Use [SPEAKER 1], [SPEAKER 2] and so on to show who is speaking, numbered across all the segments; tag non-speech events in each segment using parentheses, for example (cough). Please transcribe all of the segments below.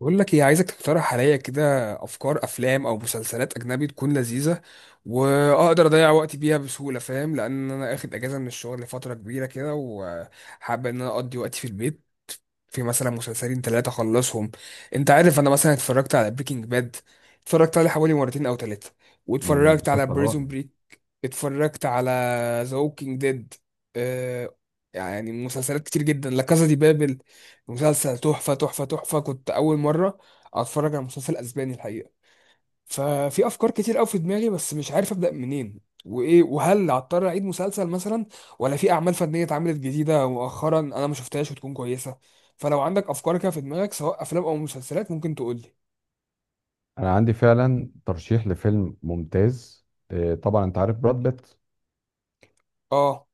[SPEAKER 1] بقول لك ايه، عايزك تقترح عليا كده افكار افلام او مسلسلات اجنبي تكون لذيذه، واقدر اضيع وقتي بيها بسهوله. فاهم؟ لان انا اخد اجازه من الشغل لفتره كبيره كده، وحابب ان انا اقضي وقتي في البيت، في مثلا مسلسلين ثلاثة خلصهم. انت عارف انا مثلا اتفرجت على بريكنج باد، اتفرجت عليه حوالي مرتين او ثلاثة، واتفرجت على
[SPEAKER 2] مسلسل رائع.
[SPEAKER 1] بريزون بريك. اتفرجت على ذا ووكينج ديد. اه يعني مسلسلات كتير جدا، لا كازا دي بابل مسلسل تحفة تحفة تحفة. كنت أول مرة أتفرج على مسلسل أسباني الحقيقة. ففي افكار كتير قوي في دماغي، بس مش عارف ابدا منين، وايه، وهل هضطر اعيد مسلسل مثلا، ولا في اعمال فنيه اتعملت جديده مؤخرا انا ما شفتهاش وتكون كويسه. فلو عندك افكار كده في دماغك سواء افلام او مسلسلات ممكن تقول لي.
[SPEAKER 2] انا عندي فعلا ترشيح لفيلم ممتاز. طبعا انت عارف براد بيت.
[SPEAKER 1] اه.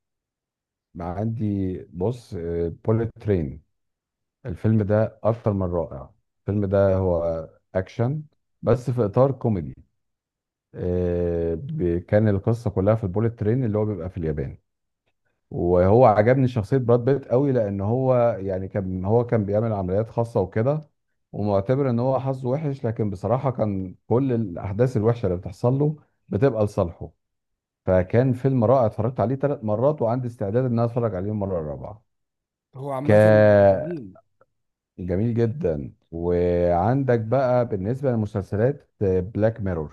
[SPEAKER 2] مع عندي بص، بوليت ترين. الفيلم ده اكتر من رائع. الفيلم ده هو اكشن، بس في اطار كوميدي. كان القصه كلها في البوليت ترين اللي هو بيبقى في اليابان. وهو عجبني شخصية براد بيت قوي، لأن هو يعني كان بيعمل عمليات خاصة وكده. ومعتبر إن هو حظه وحش، لكن بصراحة كان كل الأحداث الوحشة اللي بتحصل له بتبقى لصالحه. فكان فيلم رائع، اتفرجت عليه ثلاث مرات وعندي استعداد إن أنا أتفرج عليه المرة الرابعة.
[SPEAKER 1] هو
[SPEAKER 2] ك
[SPEAKER 1] عامه جميل.
[SPEAKER 2] جميل جدا. وعندك بقى بالنسبة للمسلسلات بلاك ميرور،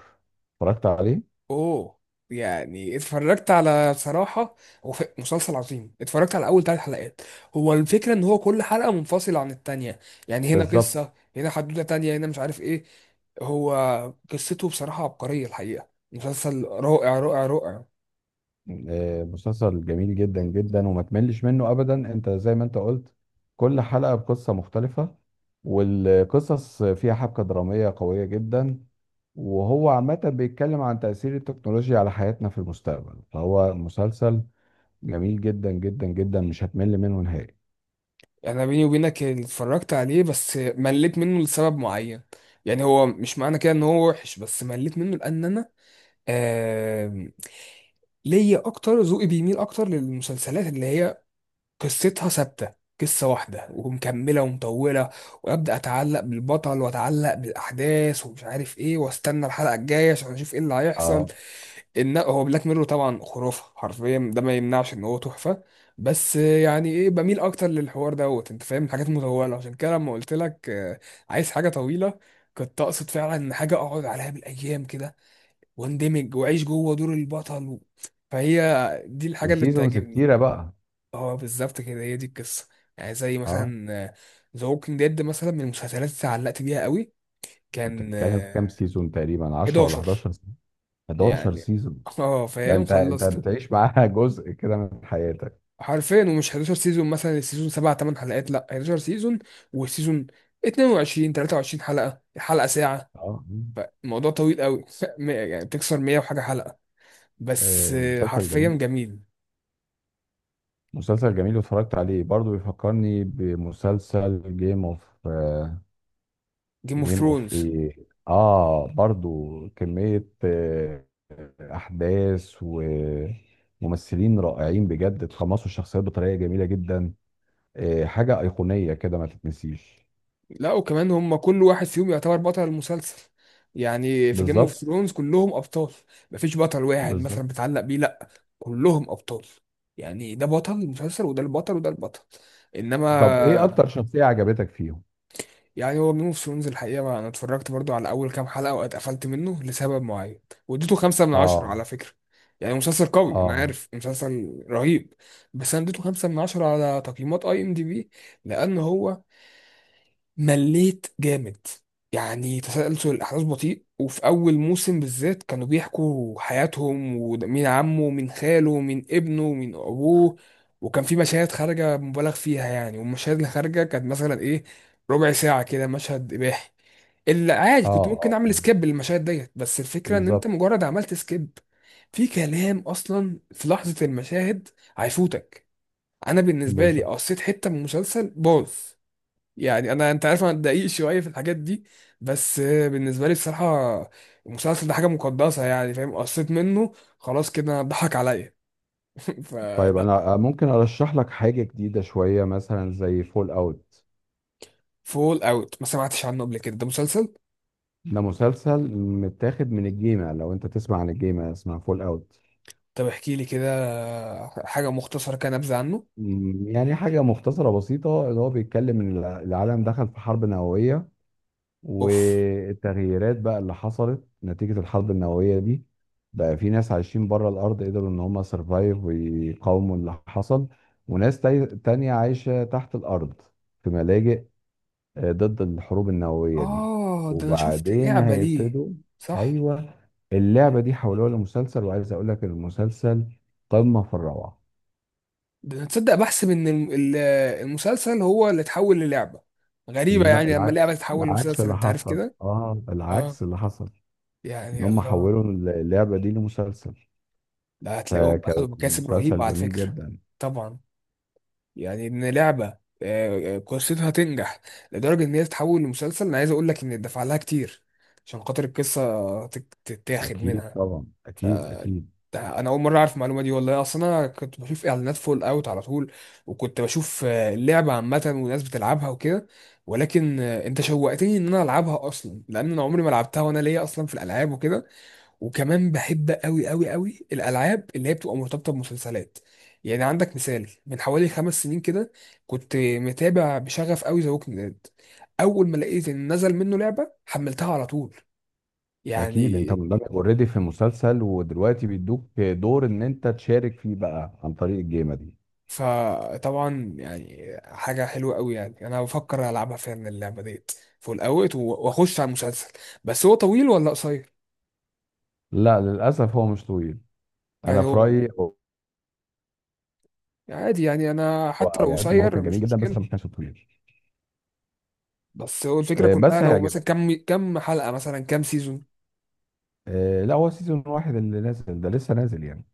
[SPEAKER 2] اتفرجت عليه.
[SPEAKER 1] اوه. يعني اتفرجت على، بصراحة هو مسلسل عظيم، اتفرجت على اول ثلاث حلقات. هو الفكرة ان هو كل حلقة منفصلة عن التانية، يعني هنا
[SPEAKER 2] بالظبط.
[SPEAKER 1] قصة، هنا حدوتة تانية، هنا مش عارف ايه. هو قصته بصراحة عبقرية، الحقيقة مسلسل رائع رائع رائع.
[SPEAKER 2] مسلسل جميل جدا جدا وما تملش منه ابدا. انت زي ما انت قلت، كل حلقة بقصة مختلفة، والقصص فيها حبكة درامية قوية جدا. وهو عامة بيتكلم عن تأثير التكنولوجيا على حياتنا في المستقبل. فهو مسلسل جميل جدا جدا جدا، مش هتمل منه نهائي.
[SPEAKER 1] يعني بيني وبينك اللي اتفرجت عليه بس مليت منه لسبب معين. يعني هو مش معنى كده ان هو وحش، بس مليت منه لان انا آم، ليا اكتر. ذوقي بيميل اكتر للمسلسلات اللي هي قصتها ثابته، قصه واحده ومكمله ومطوله، وابدا اتعلق بالبطل واتعلق بالاحداث ومش عارف ايه، واستنى الحلقه الجايه عشان اشوف ايه اللي هيحصل.
[SPEAKER 2] اه،
[SPEAKER 1] ان هو بلاك ميرور طبعا خرافه حرفيا، ده ما يمنعش ان هو تحفه، بس يعني ايه، بميل اكتر للحوار دوت انت فاهم، حاجات مطوله. عشان كده لما قلت لك عايز حاجه طويله، كنت اقصد فعلا ان حاجه اقعد عليها بالايام كده، واندمج واعيش جوه دور البطل. فهي دي الحاجه اللي
[SPEAKER 2] وسيزونز
[SPEAKER 1] بتعجبني.
[SPEAKER 2] كتيرة بقى.
[SPEAKER 1] اه بالظبط كده، هي دي القصه. يعني زي
[SPEAKER 2] اه،
[SPEAKER 1] مثلا ذا ووكينج ديد مثلا، من المسلسلات اللي علقت بيها قوي،
[SPEAKER 2] انت
[SPEAKER 1] كان
[SPEAKER 2] بتتكلم في كام سيزون؟ تقريبا 10 ولا
[SPEAKER 1] 11
[SPEAKER 2] 11 سيزون؟ 11
[SPEAKER 1] يعني.
[SPEAKER 2] سيزون.
[SPEAKER 1] (laughs) اه
[SPEAKER 2] ده
[SPEAKER 1] فاهم،
[SPEAKER 2] انت
[SPEAKER 1] خلصته
[SPEAKER 2] بتعيش معاها (laughs) جزء كده من حياتك.
[SPEAKER 1] حرفيا. ومش 11 سيزون مثلا السيزون 7 8 حلقات، لا 11 سيزون، والسيزون 22 23 حلقه، الحلقه ساعه،
[SPEAKER 2] اه.
[SPEAKER 1] فالموضوع طويل قوي. (laughs) يعني بتكسر 100 وحاجه حلقه، بس
[SPEAKER 2] مسلسل
[SPEAKER 1] حرفيا
[SPEAKER 2] جميل.
[SPEAKER 1] جميل.
[SPEAKER 2] مسلسل جميل، واتفرجت عليه برضو. بيفكرني بمسلسل
[SPEAKER 1] جيم اوف
[SPEAKER 2] جيم اوف
[SPEAKER 1] ثرونز.
[SPEAKER 2] ايه؟ اه، برضو كمية احداث وممثلين رائعين بجد، اتقمصوا الشخصيات بطريقة جميلة جدا. حاجة ايقونية كده ما تتنسيش.
[SPEAKER 1] لا وكمان هم كل واحد فيهم يعتبر بطل المسلسل، يعني في جيم اوف
[SPEAKER 2] بالظبط.
[SPEAKER 1] ثرونز كلهم ابطال، مفيش بطل واحد
[SPEAKER 2] بالظبط.
[SPEAKER 1] مثلا بتعلق بيه لا، كلهم ابطال. يعني ده بطل المسلسل، وده البطل، وده البطل.
[SPEAKER 2] طب ايه
[SPEAKER 1] انما
[SPEAKER 2] اكتر شخصية عجبتك فيهم؟
[SPEAKER 1] يعني هو جيم اوف ثرونز الحقيقه، ما انا اتفرجت برضو على اول كام حلقه واتقفلت منه لسبب معين، واديته خمسة من عشرة على
[SPEAKER 2] اه.
[SPEAKER 1] فكره. يعني مسلسل قوي، انا
[SPEAKER 2] اه
[SPEAKER 1] عارف مسلسل رهيب، بس انا اديته خمسة من عشرة على تقييمات IMDb لان هو مليت جامد. يعني تسلسل الأحداث بطيء، وفي أول موسم بالذات كانوا بيحكوا حياتهم ومين عمه ومين خاله ومين ابنه ومين أبوه. وكان في مشاهد خارجة مبالغ فيها يعني، والمشاهد اللي خارجة كانت مثلا إيه، ربع ساعة كده مشهد إباحي. اللي عادي
[SPEAKER 2] اه,
[SPEAKER 1] كنت ممكن
[SPEAKER 2] آه.
[SPEAKER 1] أعمل سكيب للمشاهد ديت، بس الفكرة إن أنت
[SPEAKER 2] بالظبط.
[SPEAKER 1] مجرد عملت سكيب في كلام أصلا في لحظة، المشاهد هيفوتك. أنا بالنسبة لي
[SPEAKER 2] بالظبط.
[SPEAKER 1] قصيت حتة من المسلسل باظ. يعني انا انت عارف انا دقيق شويه في الحاجات دي، بس بالنسبه لي بصراحه المسلسل ده حاجه مقدسه، يعني فاهم، قصيت منه خلاص، كده ضحك عليا. (laughs)
[SPEAKER 2] طيب
[SPEAKER 1] فلا.
[SPEAKER 2] انا ممكن ارشح لك حاجه جديده شويه، مثلا زي فول اوت.
[SPEAKER 1] فول اوت ما سمعتش عنه قبل كده، ده مسلسل؟
[SPEAKER 2] ده مسلسل متاخد من الجيمة، لو انت تسمع عن الجيمة اسمها فول اوت.
[SPEAKER 1] طب احكي لي كده حاجه مختصره كده نبذه عنه.
[SPEAKER 2] يعني حاجه مختصره بسيطه، اللي هو بيتكلم ان العالم دخل في حرب نوويه.
[SPEAKER 1] اوف.
[SPEAKER 2] والتغييرات بقى اللي حصلت نتيجه الحرب النوويه دي، بقى في ناس عايشين بره الارض قدروا ان هم سرفايف ويقاوموا اللي حصل. وناس تانية عايشه تحت الارض، في ملاجئ ضد الحروب النووية دي.
[SPEAKER 1] اه ده انا شفت
[SPEAKER 2] وبعدين
[SPEAKER 1] لعبه ليه.
[SPEAKER 2] هيبتدوا.
[SPEAKER 1] صح.
[SPEAKER 2] ايوه. اللعبة دي حولوها لمسلسل، وعايز اقول لك المسلسل قمة في الروعة.
[SPEAKER 1] ده انا تصدق بحسب ان المسلسل هو اللي اتحول للعبه، غريبه
[SPEAKER 2] لا
[SPEAKER 1] يعني لما
[SPEAKER 2] العكس.
[SPEAKER 1] لعبه تتحول
[SPEAKER 2] العكس
[SPEAKER 1] لمسلسل
[SPEAKER 2] اللي
[SPEAKER 1] انت عارف
[SPEAKER 2] حصل.
[SPEAKER 1] كده.
[SPEAKER 2] اه
[SPEAKER 1] اه
[SPEAKER 2] العكس اللي حصل، ان
[SPEAKER 1] يعني
[SPEAKER 2] هم
[SPEAKER 1] الله.
[SPEAKER 2] حولوا اللعبة دي لمسلسل.
[SPEAKER 1] لا هتلاقيهم اخدوا
[SPEAKER 2] فكان
[SPEAKER 1] مكاسب رهيبة
[SPEAKER 2] مسلسل
[SPEAKER 1] على
[SPEAKER 2] جميل
[SPEAKER 1] فكرة.
[SPEAKER 2] جدا.
[SPEAKER 1] طبعا. يعني ان لعبة قصتها تنجح لدرجة ان هي تتحول لمسلسل، انا عايز اقول لك ان اتدفع لها كتير عشان خاطر القصة تتاخد
[SPEAKER 2] اكيد
[SPEAKER 1] منها.
[SPEAKER 2] طبعا، اكيد اكيد.
[SPEAKER 1] ده انا اول مرة اعرف المعلومة دي والله، اصلا انا كنت بشوف اعلانات فول اوت على طول، وكنت بشوف اللعبة عامة والناس بتلعبها وكده، ولكن انت شوقتني ان انا العبها اصلا، لان انا عمري ما لعبتها وانا ليا اصلا في الالعاب وكده. وكمان بحب قوي قوي قوي الالعاب اللي هي بتبقى مرتبطه بمسلسلات. يعني عندك مثال، من حوالي 5 سنين كده كنت متابع بشغف قوي ذا ووكينج ديد. اول ما لقيت ان نزل منه لعبه حملتها على طول.
[SPEAKER 2] اكيد
[SPEAKER 1] يعني
[SPEAKER 2] انت مندمج اوريدي في مسلسل، ودلوقتي بيدوك دور ان انت تشارك فيه بقى عن طريق الجيمة دي.
[SPEAKER 1] فطبعا يعني حاجه حلوه قوي، يعني انا بفكر العبها فعلا اللعبه ديت، فول اوت، واخش على المسلسل. بس هو طويل ولا قصير؟
[SPEAKER 2] لا للاسف هو مش طويل،
[SPEAKER 1] يعني
[SPEAKER 2] انا في
[SPEAKER 1] هو
[SPEAKER 2] رايي.
[SPEAKER 1] عادي، يعني انا
[SPEAKER 2] هو
[SPEAKER 1] حتى
[SPEAKER 2] اه،
[SPEAKER 1] لو
[SPEAKER 2] يعني قد ما هو
[SPEAKER 1] قصير
[SPEAKER 2] كان جميل
[SPEAKER 1] مش
[SPEAKER 2] جدا بس
[SPEAKER 1] مشكله،
[SPEAKER 2] ما كانش طويل.
[SPEAKER 1] بس هو الفكرة كلها
[SPEAKER 2] بس
[SPEAKER 1] لو مثلا
[SPEAKER 2] هيعجبك.
[SPEAKER 1] كم حلقة، مثلا كم سيزون.
[SPEAKER 2] لا هو سيزون واحد اللي نازل ده، لسه نازل يعني.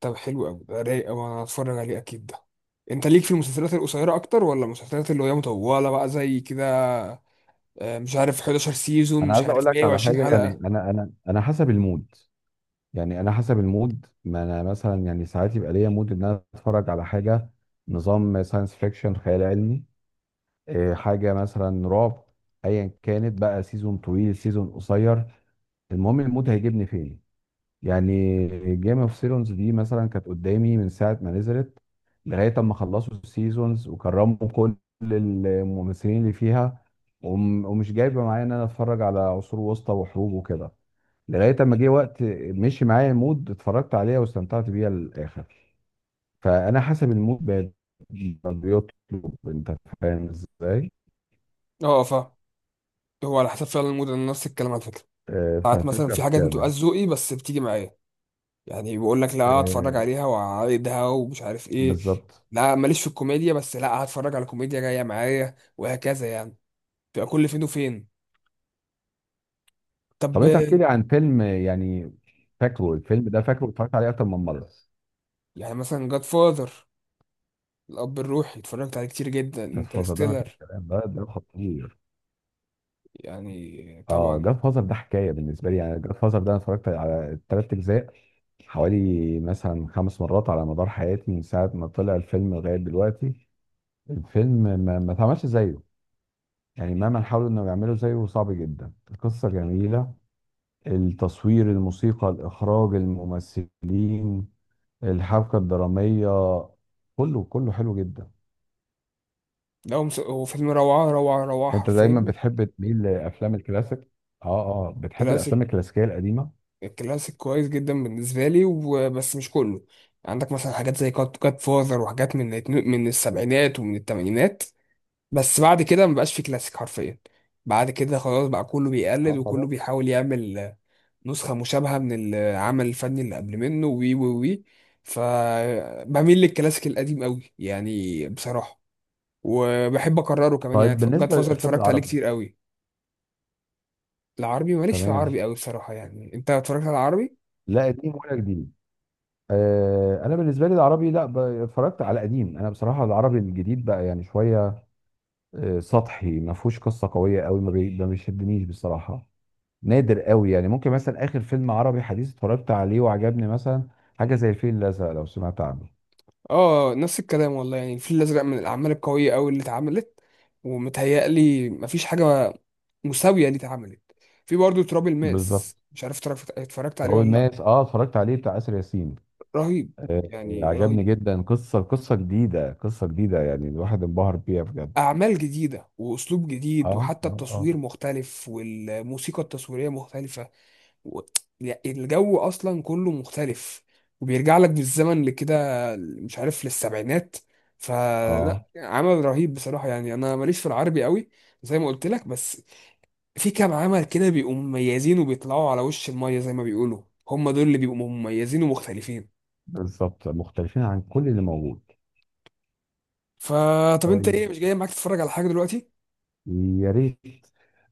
[SPEAKER 1] طب حلو قوي، ده رايق قوي، انا هتفرج عليه اكيد ده. انت ليك في المسلسلات القصيرة اكتر ولا المسلسلات اللي هي مطولة بقى زي كده، مش عارف 11 سيزون،
[SPEAKER 2] انا
[SPEAKER 1] مش
[SPEAKER 2] عايز اقول
[SPEAKER 1] عارف
[SPEAKER 2] لك على
[SPEAKER 1] 120
[SPEAKER 2] حاجه، يعني
[SPEAKER 1] حلقة.
[SPEAKER 2] انا حسب المود. يعني انا حسب المود. ما انا مثلا، يعني ساعات يبقى ليا مود ان انا اتفرج على حاجه نظام ساينس فيكشن خيال علمي. حاجه مثلا رعب. ايا كانت بقى، سيزون طويل سيزون قصير، المهم المود هيجيبني فين. يعني جيم اوف ثرونز دي مثلا كانت قدامي من ساعه ما نزلت، لغايه اما خلصوا السيزونز وكرموا كل الممثلين اللي فيها، ومش جايبه معايا ان انا اتفرج على عصور وسطى وحروب وكده. لغايه اما جه وقت مشي معايا المود، اتفرجت عليها واستمتعت بيها للاخر. فانا حسب المود بقى بيطلب، انت فاهم ازاي.
[SPEAKER 1] اه فاهم، هو على حسب فعلا المود، انا نفس الكلام على فكرة. ساعات مثلا
[SPEAKER 2] ففكره في
[SPEAKER 1] في حاجات بتبقى
[SPEAKER 2] كده.
[SPEAKER 1] ذوقي بس بتيجي معايا، يعني بقول لك لا اتفرج
[SPEAKER 2] آه،
[SPEAKER 1] عليها وعايدها ومش عارف ايه.
[SPEAKER 2] بالظبط.
[SPEAKER 1] لا ماليش في الكوميديا، بس لا هتفرج على كوميديا جاية معايا، وهكذا يعني، بتبقى كل فين وفين. طب
[SPEAKER 2] طب انت احكي لي عن فيلم يعني فاكره. الفيلم ده فاكره اتفرجت عليه اكتر من مره.
[SPEAKER 1] يعني مثلا جاد فاذر، الاب الروحي اتفرجت عليه كتير جدا،
[SPEAKER 2] جاد فازر ده ما فيش
[SPEAKER 1] انترستيلر.
[SPEAKER 2] كلام، ده ده خطير.
[SPEAKER 1] يعني
[SPEAKER 2] اه
[SPEAKER 1] طبعا.
[SPEAKER 2] جاد فازر ده حكايه بالنسبه لي. يعني جاد فازر ده انا اتفرجت على الثلاث اجزاء حوالي مثلا خمس مرات على مدار حياتي، من ساعه ما طلع الفيلم لغايه دلوقتي. الفيلم ما اتعملش زيه. يعني مهما حاولوا انهم يعملوا زيه صعب جدا. القصه جميله، التصوير، الموسيقى، الاخراج، الممثلين، الحبكه الدراميه، كله كله حلو جدا.
[SPEAKER 1] هو فيلم روعه روعه روعه
[SPEAKER 2] انت دايما
[SPEAKER 1] حرفيا.
[SPEAKER 2] بتحب تميل لافلام الكلاسيك. اه اه، بتحب
[SPEAKER 1] كلاسيك.
[SPEAKER 2] الافلام الكلاسيكيه القديمه.
[SPEAKER 1] كلاسيك كويس جدا بالنسبه لي، وبس مش كله، عندك مثلا حاجات زي جاد فاذر وحاجات من من السبعينات ومن الثمانينات. بس بعد كده مبقاش في كلاسيك حرفيا، بعد كده خلاص بقى كله بيقلد
[SPEAKER 2] اه
[SPEAKER 1] وكله
[SPEAKER 2] خلاص.
[SPEAKER 1] بيحاول يعمل نسخة مشابهة من العمل الفني اللي قبل منه وي وي وي. فبميل للكلاسيك القديم قوي يعني بصراحة، وبحب أكرره كمان،
[SPEAKER 2] طيب
[SPEAKER 1] يعني جاد
[SPEAKER 2] بالنسبه
[SPEAKER 1] فازر
[SPEAKER 2] للافلام
[SPEAKER 1] اتفرجت عليه
[SPEAKER 2] العربي.
[SPEAKER 1] كتير قوي. العربي ماليش في
[SPEAKER 2] تمام.
[SPEAKER 1] العربي قوي بصراحة، يعني أنت اتفرجت على العربي؟
[SPEAKER 2] لا قديم ولا جديد. آه انا بالنسبه لي العربي، لا ب- اتفرجت على قديم. انا بصراحه العربي الجديد بقى يعني شويه سطحي، ما فيهوش قصه قويه قوي، ما بيشدنيش بصراحه. نادر قوي. يعني ممكن مثلا اخر فيلم عربي حديث اتفرجت عليه وعجبني، مثلا حاجه زي الفيل الازرق، لو سمعت عنه.
[SPEAKER 1] آه نفس الكلام والله، يعني الفيل الأزرق من الأعمال القوية قوي اللي اتعملت، ومتهيألي مفيش حاجة مساوية اللي اتعملت. في برضه تراب
[SPEAKER 2] بالظبط.
[SPEAKER 1] الماس، مش عارف اتفرجت عليه
[SPEAKER 2] تراب
[SPEAKER 1] ولا لأ.
[SPEAKER 2] الماس، اه اتفرجت عليه، بتاع اسر ياسين.
[SPEAKER 1] رهيب
[SPEAKER 2] آه،
[SPEAKER 1] يعني
[SPEAKER 2] عجبني
[SPEAKER 1] رهيب.
[SPEAKER 2] جدا. قصة جديدة. قصة جديدة، يعني الواحد انبهر بيها بجد.
[SPEAKER 1] أعمال جديدة وأسلوب جديد
[SPEAKER 2] اه
[SPEAKER 1] وحتى
[SPEAKER 2] اه اه.
[SPEAKER 1] التصوير مختلف والموسيقى التصويرية مختلفة و... يعني الجو أصلا كله مختلف، وبيرجع لك بالزمن لكده، مش عارف للسبعينات. فلا
[SPEAKER 2] اه
[SPEAKER 1] عمل رهيب بصراحة، يعني أنا ماليش في العربي قوي زي ما قلت لك، بس في كام عمل كده بيبقوا مميزين وبيطلعوا على وش المية زي ما بيقولوا، هم دول اللي بيبقوا مميزين ومختلفين.
[SPEAKER 2] بالظبط، مختلفين عن كل اللي موجود.
[SPEAKER 1] فطب أنت
[SPEAKER 2] طيب
[SPEAKER 1] إيه، مش جاي معاك تتفرج على حاجة دلوقتي؟
[SPEAKER 2] يا ريت،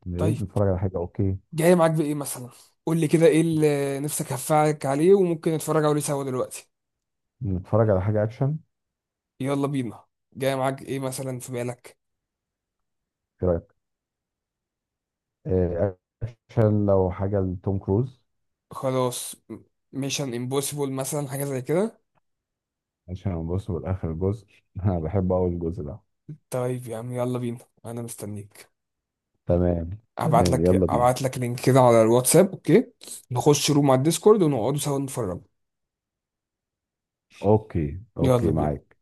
[SPEAKER 2] يا
[SPEAKER 1] طيب.
[SPEAKER 2] ريت نتفرج على حاجة. اوكي،
[SPEAKER 1] جاي معاك بايه مثلا؟ قول لي كده ايه اللي نفسك هفعلك عليه وممكن نتفرج عليه سوا دلوقتي.
[SPEAKER 2] نتفرج على حاجة اكشن.
[SPEAKER 1] يلا بينا. جاي معاك ايه مثلا في بالك؟
[SPEAKER 2] ايه رأيك؟ آه، اكشن، لو حاجة لتوم كروز.
[SPEAKER 1] خلاص، ميشن امبوسيبل مثلا حاجه زي كده.
[SPEAKER 2] عشان نبص بالاخر الجزء (laughs) انا بحب اول الجزء ده.
[SPEAKER 1] طيب يا عم يلا بينا، انا مستنيك.
[SPEAKER 2] تمام.
[SPEAKER 1] ابعت
[SPEAKER 2] تمام
[SPEAKER 1] لك
[SPEAKER 2] يلا بينا.
[SPEAKER 1] ابعت لك لينك كده على الواتساب اوكي. نخش روم على الديسكورد ونقعدوا سوا نتفرج.
[SPEAKER 2] اوكي
[SPEAKER 1] يلا
[SPEAKER 2] اوكي،
[SPEAKER 1] بينا.
[SPEAKER 2] معاك.